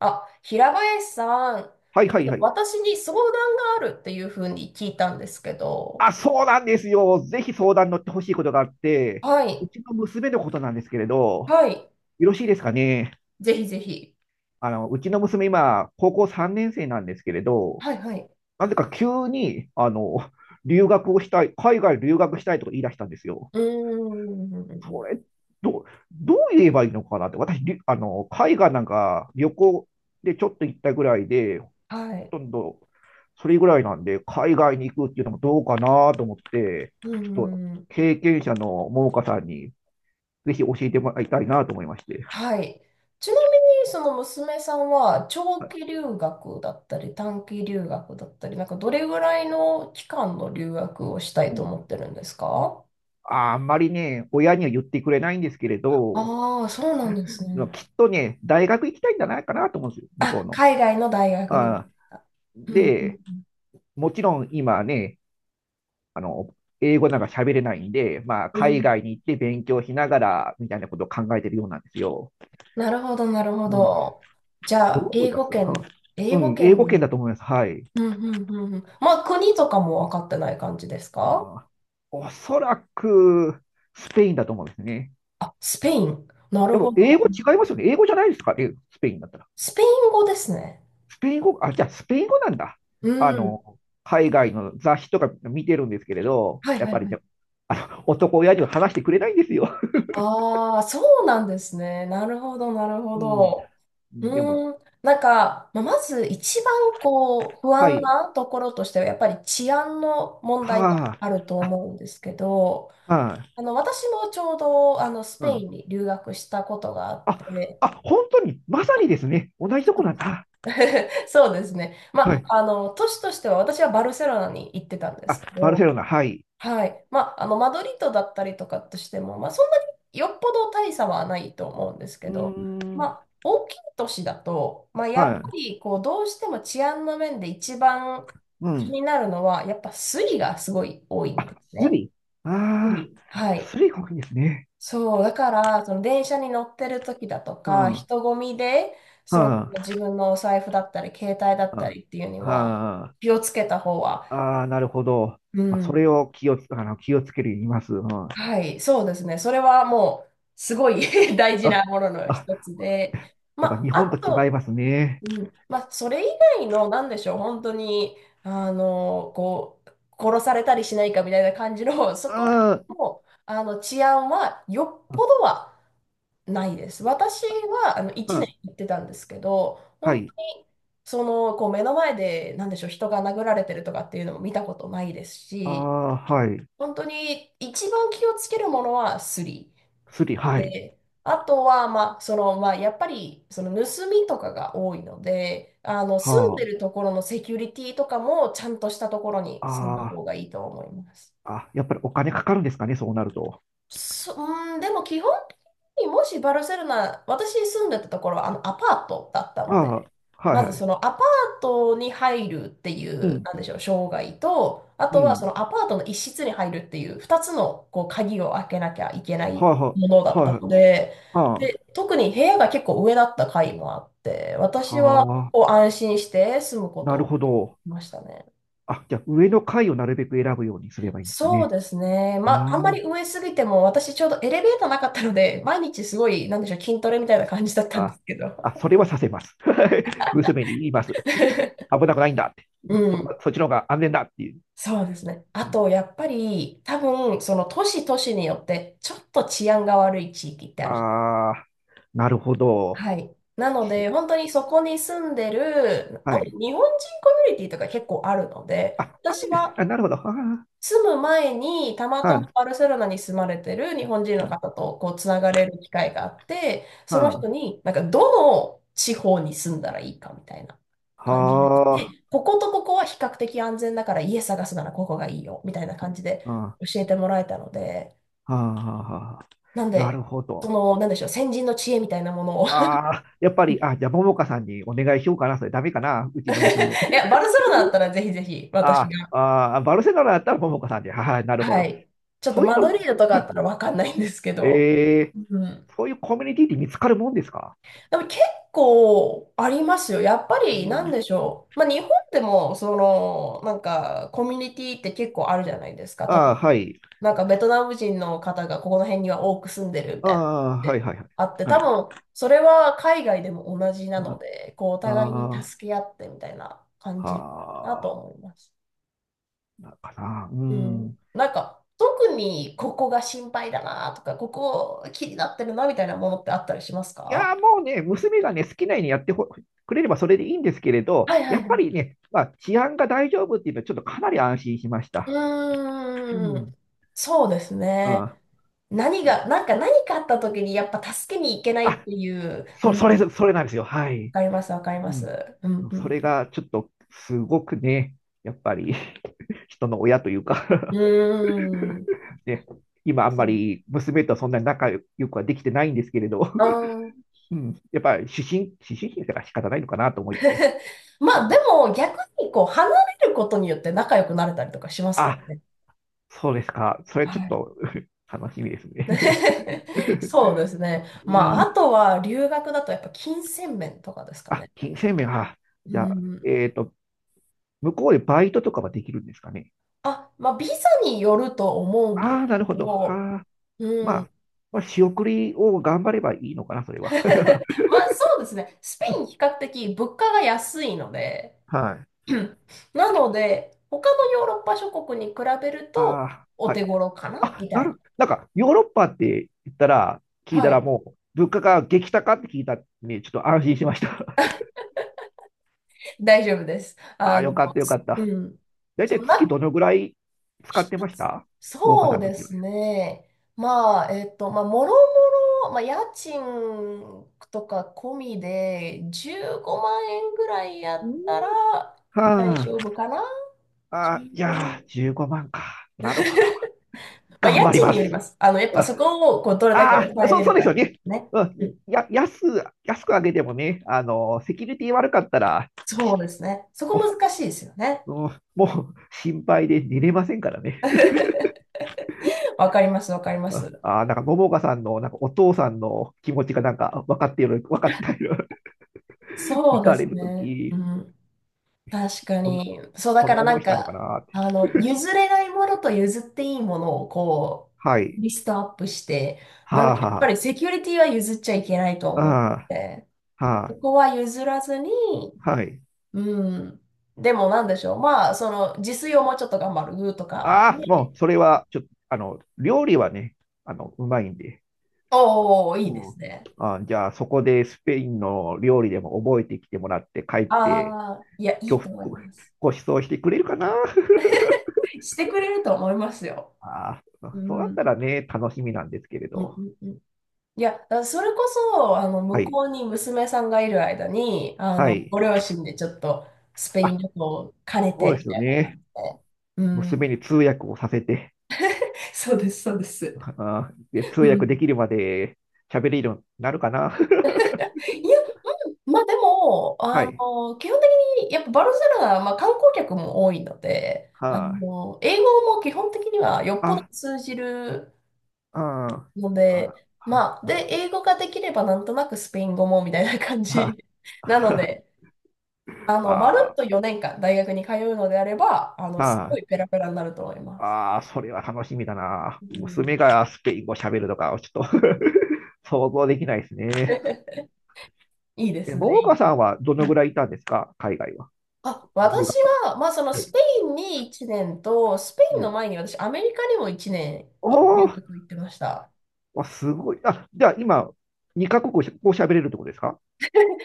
あ、平林さん、はいはいはい。私に相談があるっていうふうに聞いたんですけど、あ、そうなんですよ。ぜひ相談乗ってほしいことがあって、はうい、ちの娘のことなんですけれど、はい、よろしいですかね。ぜひぜひ。うちの娘今、高校3年生なんですけれど、はい、はい。なぜか急に、留学をしたい、海外留学したいとか言い出したんですよ。うーそん、れ、どう、どう言えばいいのかなって。私、りあの、海外なんか旅行でちょっと行ったぐらいで、はほい、とんどそれぐらいなんで、海外に行くっていうのもどうかなと思って、うーちょっとん、経験者の桃花さんにぜひ教えてもらいたいなと思いまして。はい。ちなみに、その娘さんは長期留学だったり、短期留学だったり、なんかどれぐらいの期間の留学をしたういとん、思ってるんですか？ああんまりね、親には言ってくれないんですけれど、ああー、そうなんですね。きっとね、大学行きたいんじゃないかなと思うんですよ、向こうあ、の。海外の大学に。あうん、うで、ん、もちろん今ね、あの、英語なんか喋れないんで、まあ、うん。う海ん、外に行って勉強しながらみたいなことを考えてるようなんですよ。なるほど、なるほうん。ど。じゃどあ、う思い英ま語すは？圏、う英語ん、英圏語でい圏だる、と思います。はい。うんうんうんうん。まあ、国とかも分かってない感じですか？あおそらく、スペインだと思うんですね。あ、スペイン。なでるほも、ど。英語違いますよね。英語じゃないですかね、スペインだったら。スペイン語ですね。スペイン語、あ、じゃあ、スペイン語なんだ。うあん。の、海外の雑誌とか見てるんですけれど、はいやっはぱいりはい。ね、男親父は話してくれないんですよ。ああ、そうなんですね。なるほど、なるほうん。ど。でも、うーん。なんか、まあまず一番こう、不は安い。なところとしては、やっぱり治安の問題がはあるとあ。思うんですけど、あ、はい。私もちょうど、スうペイん。ンに留学したことがあっあ、て、あ、本当に、まさにですね。同じそとこうでなんす。 だ。そうですね。まはあ、い。都市としては私はバルセロナに行ってたんですあ、けバルセど、ロナ、はい。はい。まあ、マドリードだったりとかとしても、まあ、そんなによっぽど大差はないと思うんですうけど、ーまん。あ、大きい都市だと、まあ、やっぱはり、こう、どうしても治安の面で一番い。う気ん。になるのは、やっぱスリがすごい多いんあ、ですスね。リ。スああ、リ。はい。スリが多いんですね。そう、だから、その電車に乗ってる時だとうか、ん。は人混みで、あ。そのは自分のお財布だったり、携帯だったあ。りっていうには、はあ気をつけた方は、ああ、なるほど。うまあ、そん。れを気をつけるように言います。うん。あ、はい、そうですね。それはもう、すごい 大事なものの一あ、つで、やっぱま日あ、本とあ違いと、ますね。うん、まあ、それ以外の、なんでしょう、本当に、こう、殺されたりしないかみたいな感じの、そこあも、治安は、よっあ、ぽどは、ないです。私はあのう1ん。年行ってたんですけど、は本当い。にそのこう目の前で何でしょう、人が殴られてるとかっていうのも見たことないですあし、あ、はい。本当に一番気をつけるものはスリスリ、はい。で、あとは、まあそのまあ、やっぱりその盗みとかが多いので、あの住んはでるところのセキュリティとかもちゃんとしたところに住んだあ。あ方がいいと思います。あ、あ、やっぱりお金かかるんですかね、そうなると。そ、うん、でも基本的にもしバルセロナ、私住んでたところはあのアパートだったあので、あ、はいまはずそい。のアパートに入るっていうう、ん、なんでしょう、障害と、あうとはそん。のアパートの一室に入るっていう2つのこう鍵を開けなきゃいけないはあ、はものだあ、っはいたはい。ので、はで、特に部屋が結構上だった階もあって、あ、私ははあ、こう安心して住むこなとるをほど。しましたね。あ、じゃあ上の階をなるべく選ぶようにすればいいんですかそうね。ですね。まあ、あんあまーり上すぎても、私ちょうどエレベーターなかったので、毎日すごい、なんでしょう、筋トレみたいな感じだったんであ、すけど。あ、それはさせます。娘に言います。危なくないんだって。うん、そっちの方が安全だっていう。そうですね。あと、やっぱり、多分、その都市都市によって、ちょっと治安が悪い地域ってある。ああ、なるほど。はい。なのいや、で、本当にそこに住んでる、多はい。分、日本人コミュニティとか結構あるので、あ、あ私るんです。はあ、なるほど。は住む前に、たまあ、たまはバルセロナに住まれてる日本人の方とこうつながれる機会があって、そのあ、人はに、なんかどの地方に住んだらいいかみたいなあ、感じで、はでこことここは比較的安全だから家探すならここがいいよみたいな感じであ、は教えてもらえたので、あ、はあ、はあ、なんなるで、ほそど。の、なんでしょう、先人の知恵みたいなものを。 いああ、やっぱり、あ、じゃあ、ももかさんにお願いしようかな。それダメかな。うちの娘。や、バルセロナだったらぜひぜひ 私あが、あ、ああ、バルセロナだったらももかさんで。はい、なるほはど。い、ちょっとそういうマドリの、ードとかはだっい、たらわかんないんですけど、えうん、そういうコミュニティって見つかるもんですか？でも結構ありますよ。やっぱうりなんん、でしょう。まあ日本でもそのなんかコミュニティって結構あるじゃないですか。た、ああ、はい。なんかベトナム人の方がここの辺には多く住んでるみあたいな感あ、じはいではいはい。あって、は多い。分それは海外でも同じなので、こうおあ互いにあ助け合ってみたいな感あ、じだとは思います。あ、かな。ううん。ん。なんか特にここが心配だなとか、ここ気になってるなみたいなものってあったりしますいか？やー、もうね、娘がね、好きなようにやってほくれればそれでいいんですけれど、はいはやいっはぱい、りね、まあ、治安が大丈夫っていうのは、ちょっとかなり安心しました。ううーん。ん。そうですうね。ん。何うが、ん、なんか何かあった時にやっぱ助けに行けないっあ、ていう、うそれ、ん、それなんですよ。はわい。かります、わかりまうす。ん。うん、うそん。れがちょっとすごくね、やっぱり 人の親というか うーん。ね、今あんまり娘とそんなに仲良くはできてないんですけれど、あ。うん、やっぱり思春期だから仕方ないのかなと思って、まあでも逆にこう離れることによって仲良くなれたりとかしますからあ、ね。そうですか、それはちょっい。と 楽しみですね。 そ うですね。まうああん。とは留学だとやっぱ金銭面とかですかあ、ね。金銭面は、うじゃあ、ん。向こうでバイトとかはできるんですかね。あ、まあ、ビザによると思うんであすあ、なるけほど。ど、はあ、まうん。あ、仕送りを頑張ればいいのかな、それは。まあ、そうですね。スペイン比較的物価が安いので、はい。なので、他のヨーロッパ諸国に比べるあとあ、おは手い。頃かなあ、みたいな。なんか、ヨーロッパって言ったら、聞いたはらい。もう、物価が激高って聞いたんで、ちょっと安心しました。大丈夫です。ああ、よかったよかっうた。ん。大そう、体月どのぐらい使って一ましつた？桃花そうさんので時はすね。ね。まあ、まあ、もろもろ、まあ、家賃とか込みで15万円ぐらいやったら大丈は夫かな？ あ、い 15 やー、万。15万か。なるほど。まあ、頑家張り賃まによりす。ます。あの、やっ ぱそこをこうどれだけああ抑ー、えそう、れそうるでかすよによっね。てね。ううん、ん。や、安く上げてもね、セキュリティ悪かったら、そうしですね。そこも難しいですよね。う、うん、もう心配で寝れませんからね。わかります、わかりまあす。あー、なんか、桃花さんの、なんか、お父さんの気持ちが、なんか、分かっている、分かっている。そ行うでかすれるとね。うき、ん。確かこんな、に。そう、だこんかなら思ないんしたのかか、なって。譲れないものと譲っていいものをこはう、い。リストアップして、なんはあ、で、やっぱはりセキュリティは譲っちゃいけないとあ、思っあて、あ、こはこは譲らずに、あ、はい。うん。でもなんでしょう。まあ、その、自炊をもうちょっと頑張るとかああ、で、もう、それは、ちょっと、料理はね、うまいんで。おお、いいでうすん。ね。あ、じゃあ、そこでスペインの料理でも覚えてきてもらって、帰っあて、あ、いや、いご、いと思いごます。ご馳走してくれるかな？ してくれると思いますよ。ああ、うそうだっん。たらね、楽しみなんですけれうんど。うんうん、いや、だからそれこそ、は向い。こうに娘さんがいる間に、はい。ご両親でちょっとスペインあ、旅行を兼ねそて、うでみすよたいなね。感じで。うん。娘に通訳をさせて、そうです、そうです。あーで通う訳でん。きるまで喋れるようになるかな。いや、まあでも、はい。基本的に、やっぱバルセロナは、まあ、観光客も多いので、はい。英語も基本的にはよっぽどあ、通じるあ、のあ、で、あ、まあ、で、あ、英語ができればなんとなくスペイン語もみたいな感あ、じなので、まるっあ、と4年間大学に通うのであれば、すごいペラペラになると思います。あ、あ、それは楽しみだな。う娘ん。がスペイン語喋るとか、ちょっと 想像できないですね。いいでえ、すね、桃いいで花すね。さんはどうのぐん、らいいたんですか？海外は。あ、留私学は、まあ、そのスで。ペインに1年と、スペイうンん。の前に私、アメリカにも1年いお留ー、学行ってました。わ、すごい。あ、じゃあ今、2カ国語喋れるってことですか？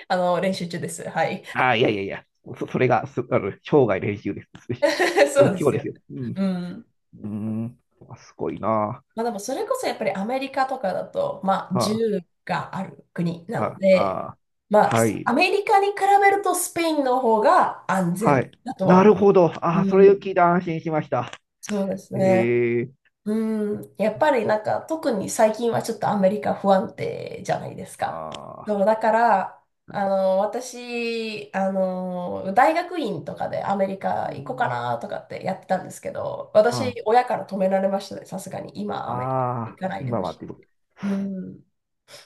練習中です。はい。ああ、いやいやいや、それがす、あの、生涯練習です。そう勉で強すでよ。すよ。うん。うん。うーん。あ、すごいな。まあ、でも、それこそやっぱりアメリカとかだと、まあ、銃あがある国なあ、のはあ、で、あまあ、あ、はい、アメリカに比べるとスペインの方が安は全い。だとはな思るほど。う。ああ、そうれをん、聞いて安心しました。そうですへね。え、うん、やっぱりなんか特に最近はちょっとアメリカ不安定じゃないですか。ああ、そう、だから、私、大学院とかでアメリカう行こうかん、なとかってやってたんですけど、私、あ親から止められましたね、さすがに。今、あ、アメリカあ行あ、かないで今ほはしっい。ていうことです。うん。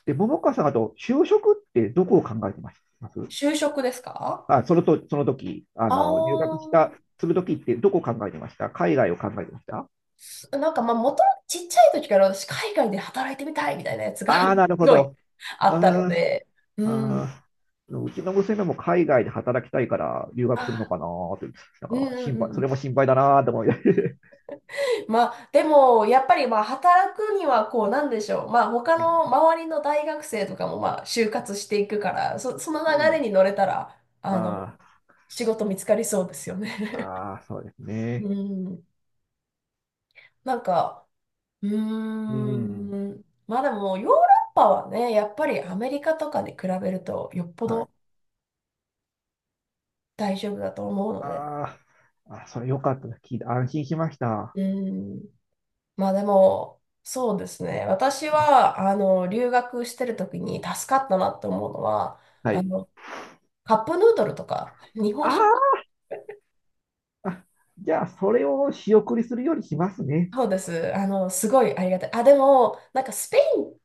で、桃川さん、あと、就職ってどこを考えてましたます？就職ですか？あ、そのと、その時、ああ入学した、ー、する時ってどこを考えてました？海外を考えてました？す、なんかまあ元ともとちっちゃい時から私海外で働いてみたいみたいなやつが すああー、なるほごいど。あうーったのん、で、うん。あうちの娘も海外で働きたいから留学するのあ、かなーって、なんうんかうん心う配、んうそれん。も心配だなーって思いながら まあでもやっぱりまあ働くにはこうなんでしょう。まあ他うん。の周りの大学生とかもまあ就活していくから、そ、その流うれん。に乗れたら、あの、あ仕事見つかりそうですよあ、ね。ああ、そうです うね。ん。なんか、ううーん。ん。まあでもヨーロッパはね、やっぱりアメリカとかに比べるとよっぽはどい。大丈夫だと思うので。ああ、あ、それよかったです、聞いて安心しました。うん。まあでも、そうですね。私は、留学してる時に助かったなって思うのは、はあい。の、カップヌードルとか、日本あ食。ーあ、じゃあ、それを仕送りするようにしますね。そうです。すごいありがたい。あ、でも、なんかスペイン、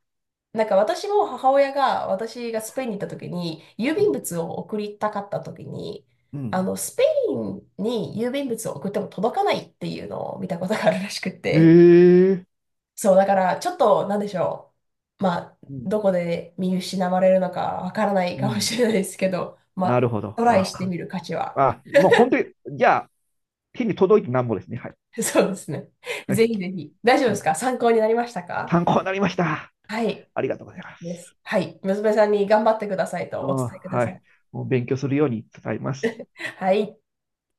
なんか私も母親が、私がスペインに行った時に、郵う便ん。物を送りたかった時に、うん、スペインに郵便物を送っても届かないっていうのを見たことがあるらしくへて、え。そう、だから、ちょっと、なんでしょう。まあ、うん。どこで見失われるのかわからないうかもん。しれないですけど、まなるあ、ほど。トライわしてかっみる価値は。あ、もう本当に、じゃあ、手に届いてなんぼですね。はい。そうですね。はぜい。ひぜひ。大丈夫うですん、か？参考になりましたか？参考になりました。はい。ありがとうございまです。す。はい。娘さんに頑張ってくださいとお伝えくだはさい。い。もう勉強するように伝えます。はい。